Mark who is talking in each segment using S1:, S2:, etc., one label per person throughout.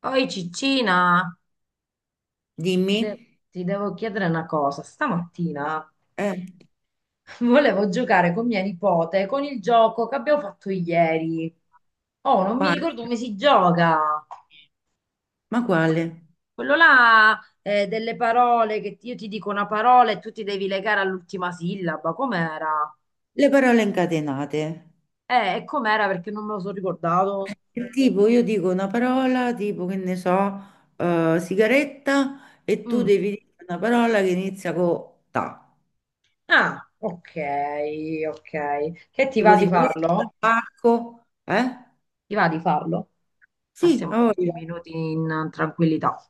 S1: Oi Ciccina, Ti,
S2: Dimmi.
S1: de- ti devo chiedere una cosa. Stamattina
S2: Eh.
S1: volevo giocare con mia nipote con il gioco che abbiamo fatto ieri. Oh, non mi
S2: Quale?
S1: ricordo come si gioca.
S2: Ma quale?
S1: Quello là, delle parole che io ti dico una parola e tu ti devi legare all'ultima sillaba. Com'era?
S2: Le parole incatenate.
S1: E com'era perché non me lo sono ricordato.
S2: Che tipo, io dico una parola, tipo che ne so, sigaretta, e tu
S1: Mm.
S2: devi dire una parola che inizia con ta.
S1: Ah, ok, ok. Che ti va
S2: Tipo
S1: di
S2: sigaretta,
S1: farlo?
S2: parco, eh?
S1: Ti va di farlo?
S2: Sì,
S1: Passiamo
S2: a
S1: dieci
S2: voglia.
S1: minuti in tranquillità.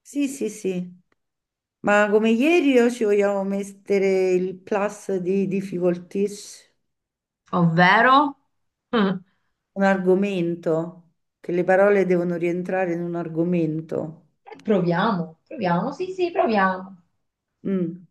S2: Sì, sì, sì. Ma come ieri o ci vogliamo mettere il plus di difficulties?
S1: Ovvero?
S2: Un argomento, che le parole devono rientrare in un argomento.
S1: Proviamo, proviamo, sì, sì, proviamo.
S2: Mm.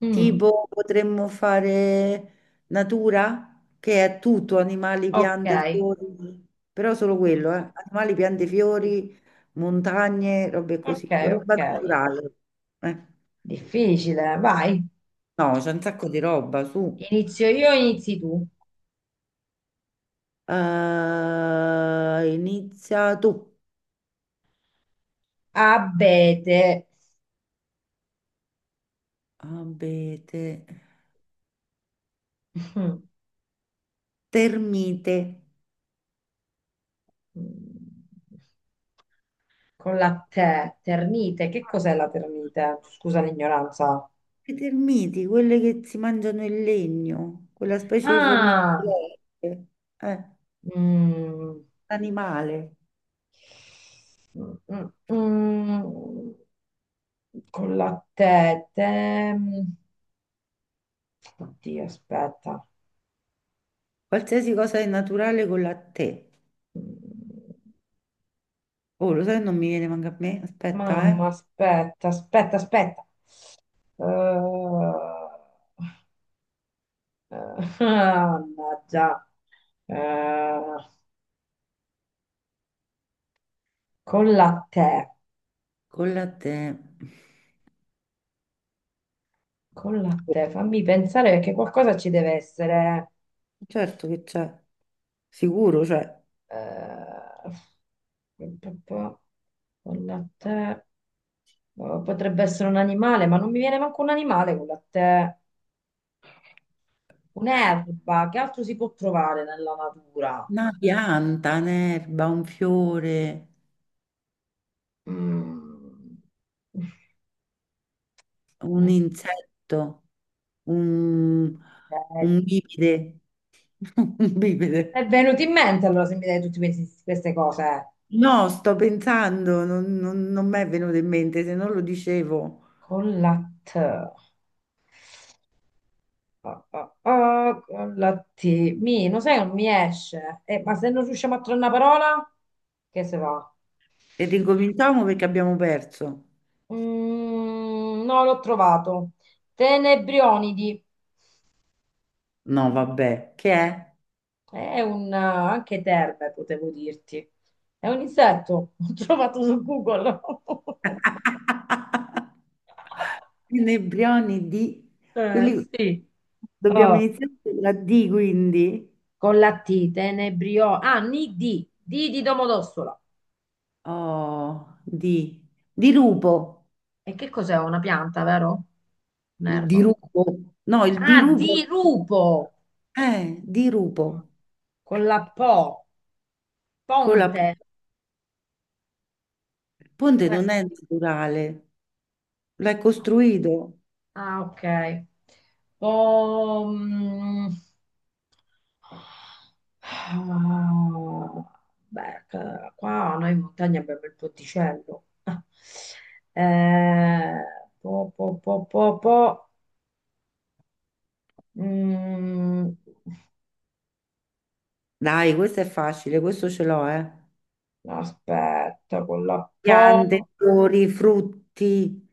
S1: Mm,
S2: Tipo potremmo fare natura, che è tutto, animali, piante,
S1: ok.
S2: fiori, però solo
S1: Mm,
S2: quello, eh. Animali, piante, fiori, montagne, robe
S1: ok,
S2: così, roba
S1: ok.
S2: naturale. Eh.
S1: Difficile, vai.
S2: No, c'è un sacco di roba, su.
S1: Inizio io, inizi tu.
S2: Inizia tu.
S1: Abete.
S2: Abete.
S1: Mm.
S2: Termite.
S1: Con la te, ternite. Che cos'è la ternite? Scusa l'ignoranza.
S2: Le termiti, quelle che si mangiano il legno, quella specie di formiche.
S1: Ah,
S2: Eh.
S1: mm,
S2: Animale,
S1: mm, mm, mm. Con la te, oddio, aspetta.
S2: qualsiasi cosa è naturale con la te.
S1: Mm,
S2: Oh, lo sai, non mi viene manca a me. Aspetta, eh.
S1: Mamma, aspetta, aspetta, aspetta. Eh, eh, mannaggia. Eh, con la te,
S2: Con la te.
S1: con la te, fammi pensare perché qualcosa ci deve essere.
S2: Certo che c'è, sicuro c'è.
S1: Eh, pa- pa- con la te. Potrebbe essere un animale, ma non mi viene manco un animale con la te. Un'erba, che altro si può trovare nella natura?
S2: Una pianta, un'erba, un fiore,
S1: Mm.
S2: un insetto, un,
S1: Eh,
S2: un bipede. Un
S1: è
S2: bipede.
S1: venuto in mente allora se mi dai queste cose.
S2: No, sto pensando, non mi è venuto in mente, se non lo dicevo.
S1: Con la T. Ah, ah, ah, con la T. Non sai, non mi esce. Ma se non riusciamo a trovare una parola, che se va?
S2: E ricominciamo perché abbiamo perso.
S1: Mm, no, l'ho trovato. Tenebrionidi.
S2: No, vabbè, che è?
S1: È anche terme, potevo dirti. È un insetto. L'ho trovato su Google.
S2: Inebrioni di quelli
S1: Sì.
S2: dobbiamo
S1: Oh,
S2: iniziare con la D quindi.
S1: con la T, tenebriolo. Ah, ni di, di Domodossola.
S2: Oh, di, dirupo,
S1: E che cos'è? Una pianta, vero? Un
S2: il
S1: erbo.
S2: dirupo, no, il
S1: Ah, di
S2: dirupo,
S1: rupo.
S2: dirupo,
S1: Con la po.
S2: con la,
S1: Ponte.
S2: il
S1: Ci
S2: ponte
S1: può
S2: non
S1: essere?
S2: è naturale, l'hai
S1: No.
S2: costruito,
S1: Ah, ok. Pom... Ah, beh, qua noi in montagna abbiamo il ponticello. Eh, po, po, po, po, po. Mm,
S2: dai, questo è facile, questo ce l'ho, eh.
S1: aspetta, con la
S2: Piante,
S1: po.
S2: fiori, frutti,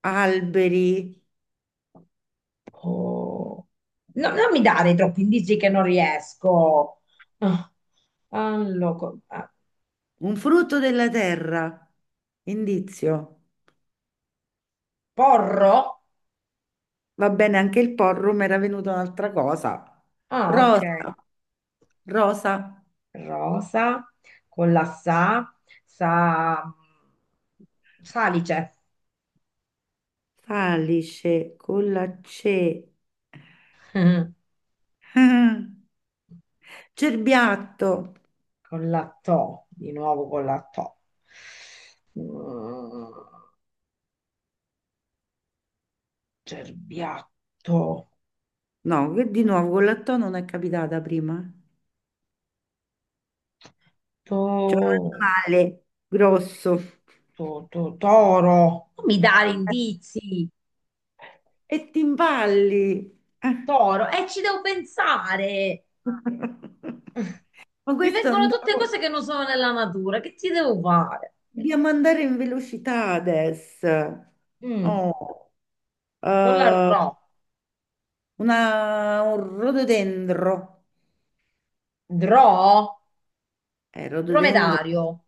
S2: alberi.
S1: po- No, non mi dare troppi indizi che non riesco. Ah, ah,
S2: Un frutto della terra. Indizio.
S1: porro?
S2: Va bene, anche il porrum era venuto un'altra cosa.
S1: Ah, ok.
S2: Rosa. Rosa.
S1: Rosa con la sa, sa, salice.
S2: Salice con la C. Cerbiatto.
S1: Con la to, di nuovo con la to. Mm, cerbiatto.
S2: No, che di nuovo con la T non è capitata prima. C'è un
S1: To.
S2: animale grosso.
S1: Toro. Non mi dare indizi,
S2: E ti impalli. Eh.
S1: toro, e ci devo pensare.
S2: Ma
S1: Mi
S2: questo è
S1: vengono
S2: un...
S1: tutte cose che non sono nella natura, che ci devo fare?
S2: Dobbiamo andare in velocità adesso.
S1: Mm,
S2: Oh,
S1: con la
S2: eh,
S1: ro.
S2: una- un rododendro,
S1: Dro?
S2: rododendro
S1: Dromedario.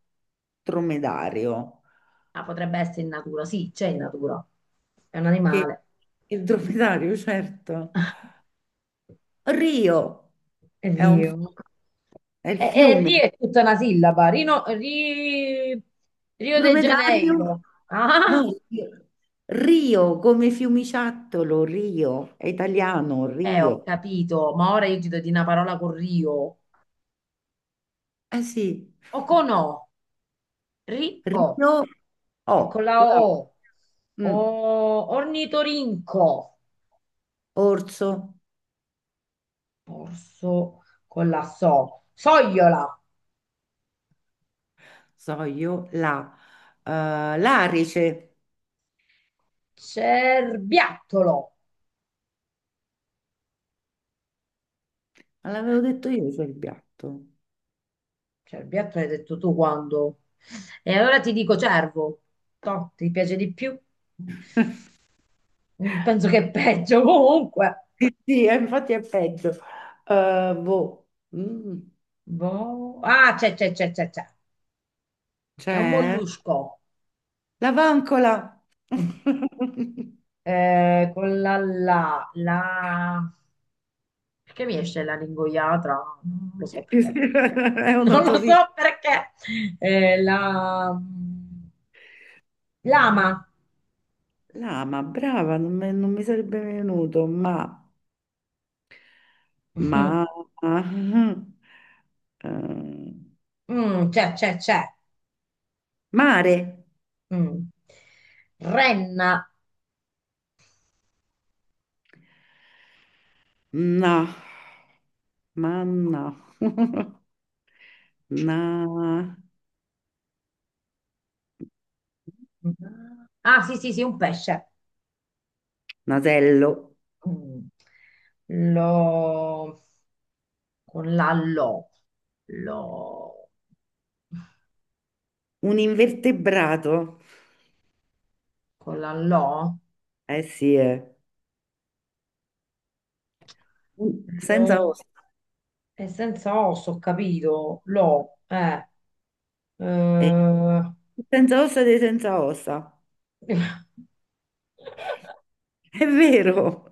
S2: dromedario,
S1: Ah, potrebbe essere in natura, sì, c'è in natura. È un
S2: che
S1: animale.
S2: il dromedario, certo. Rio è un
S1: Rio.
S2: è il
S1: E
S2: fiume.
S1: Rio è tutta una sillaba. Rio de
S2: Dromedario,
S1: Janeiro.
S2: no,
S1: Ah!
S2: Rio, come fiumiciattolo, Rio, è italiano,
S1: Ho
S2: Rio.
S1: capito, ma ora io ti do di una parola con Rio.
S2: Eh sì,
S1: O con O, Rio.
S2: Rio,
S1: E con
S2: oh,
S1: la
S2: quella,
S1: O. O,
S2: mm,
S1: ornitorinco.
S2: orso.
S1: Orso con la So. Sogliola.
S2: So io la, l'arice,
S1: Cerbiattolo.
S2: ma l'avevo detto io c'è il piatto.
S1: Cerbiattolo hai detto tu quando? E allora ti dico cervo. Toh, ti piace di più? Mm, penso che è peggio comunque.
S2: Sì, sì, infatti è peggio. Boh. Mm.
S1: Boh. Ah, c'è, c'è, c'è, c'è, c'è. È un
S2: C'è
S1: mollusco.
S2: la vancola.
S1: Con la la, la... Perché mi esce la lingoiatra? Non lo so perché.
S2: È un
S1: Non lo
S2: otorino.
S1: so perché. La... mm, lama.
S2: Lama, brava, non mi sarebbe venuto, ma, eh,
S1: Mhm. Mm, c'è, c'è, c'è.
S2: mare,
S1: Mm. Renna.
S2: no, ma no. Na-
S1: Ah, sì, sì, sì, un pesce.
S2: nasello,
S1: Mm. Lo... Con la lo. Lo...
S2: un invertebrato,
S1: Con la lo.
S2: eh sì, eh. Senza
S1: Lo...
S2: ossa,
S1: E senza osso, ho capito, lo,
S2: eh,
S1: eh,
S2: senza ossa dei senza ossa, è vero,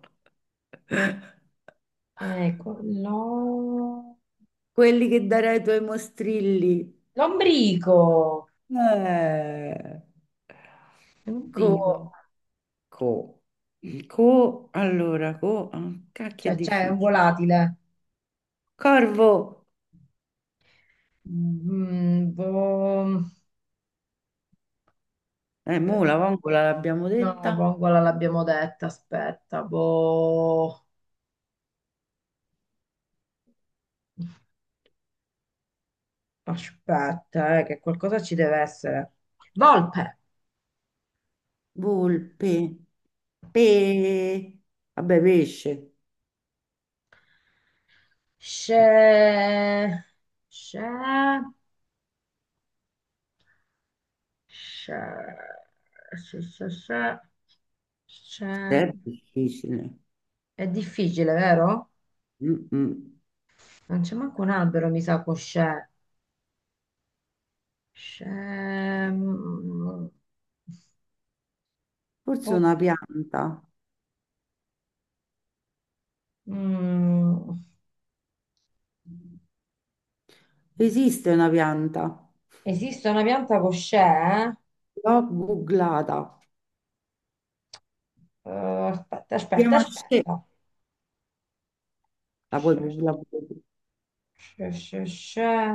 S1: ecco, lo,
S2: quelli che darai ai tuoi mostrilli,
S1: lombrico,
S2: eh. Co,
S1: lombrico,
S2: co, co, allora, co, ah, cacchio è
S1: cioè c'è un
S2: difficile,
S1: volatile.
S2: corvo,
S1: Mm, boh,
S2: mo
S1: eh,
S2: la vongola l'abbiamo
S1: no,
S2: detta,
S1: vongola l'abbiamo detta, aspetta, boh, aspetta, che qualcosa ci deve essere, volpe.
S2: volpe, pe, vabbè, pesce.
S1: C'è, c'è, c'è, c'è, c'è, c'è, c'è.
S2: È difficile.
S1: È difficile, vero?
S2: Mm-mm.
S1: Non c'è manco un albero, mi sa, con c'è. C'è... mm,
S2: Forse una
S1: oddio.
S2: pianta.
S1: Mm.
S2: Esiste una pianta.
S1: Esiste una pianta con c'è, eh?
S2: L'ho googlata.
S1: Aspetta,
S2: Si
S1: aspetta,
S2: chiama sce-
S1: aspetta.
S2: La puoi
S1: C'è,
S2: googlare pure tu.
S1: c'è, c'è, c'è.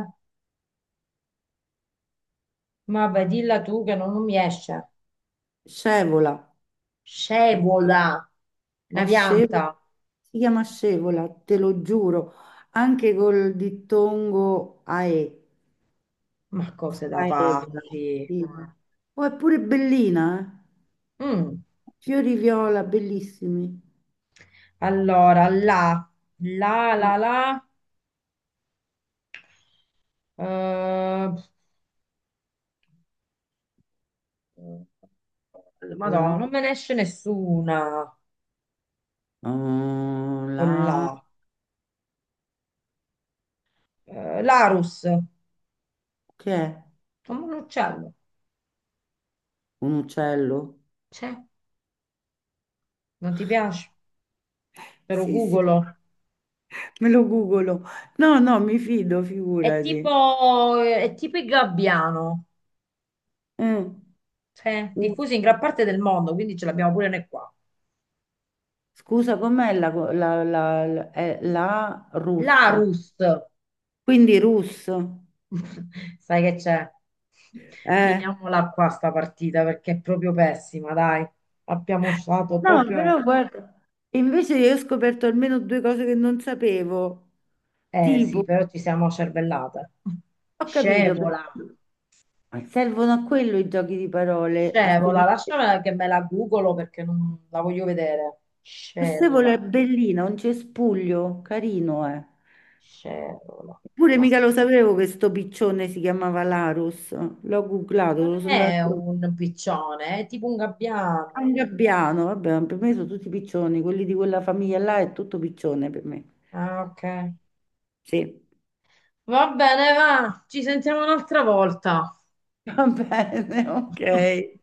S1: Ma vai, dilla tu che non mi esce.
S2: Scevola.
S1: Scevola, una
S2: Ho scevola.
S1: pianta.
S2: Si chiama scevola, te lo giuro. Anche col dittongo AE.
S1: Ma cose da
S2: Scaevola.
S1: pazzi.
S2: Sì. Oh, è pure bellina,
S1: Mm.
S2: eh. Fiori viola, bellissimi.
S1: Allora, la, la, la, la. Eh,
S2: La,
S1: Madonna, non me ne esce nessuna
S2: oh,
S1: con
S2: la,
S1: la. Larus,
S2: che è?
S1: come un uccello.
S2: Un uccello?
S1: C'è? Non ti piace? Te lo
S2: Sì, sì,
S1: googolo.
S2: me lo googolo. No, no, mi fido, figurati.
S1: È tipo il gabbiano.
S2: Eh,
S1: C'è?
S2: U-
S1: Diffuso in gran parte del mondo, quindi ce l'abbiamo pure noi qua.
S2: Scusa, com'è la, la, la, la, è la russa?
S1: Larus.
S2: Quindi russo.
S1: Sai che c'è?
S2: Eh,
S1: Finiamola qua sta partita perché è proprio pessima, dai. Abbiamo usato
S2: No,
S1: proprio...
S2: però guarda, invece io ho scoperto almeno due cose che non sapevo.
S1: Eh sì,
S2: Tipo,
S1: però ci siamo cervellate.
S2: ho capito perché
S1: Scevola,
S2: servono a quello i giochi di parole, a
S1: scevola,
S2: scoprire.
S1: lasciamela che me la googolo perché non la voglio vedere.
S2: Questa
S1: Scevola,
S2: è bellina, un cespuglio, carino, eh.
S1: scevola.
S2: Eppure
S1: Ma sì,
S2: mica lo sapevo che sto piccione si chiamava Larus. L'ho googlato,
S1: non
S2: lo sono andato
S1: è
S2: a trovare.
S1: un piccione, è tipo un
S2: Ah, un
S1: gabbiano.
S2: gabbiano, vabbè, per me sono tutti piccioni, quelli di quella famiglia là è tutto piccione per me.
S1: Ah, ok.
S2: Sì,
S1: Va bene, va, ci sentiamo un'altra volta.
S2: va bene, ok.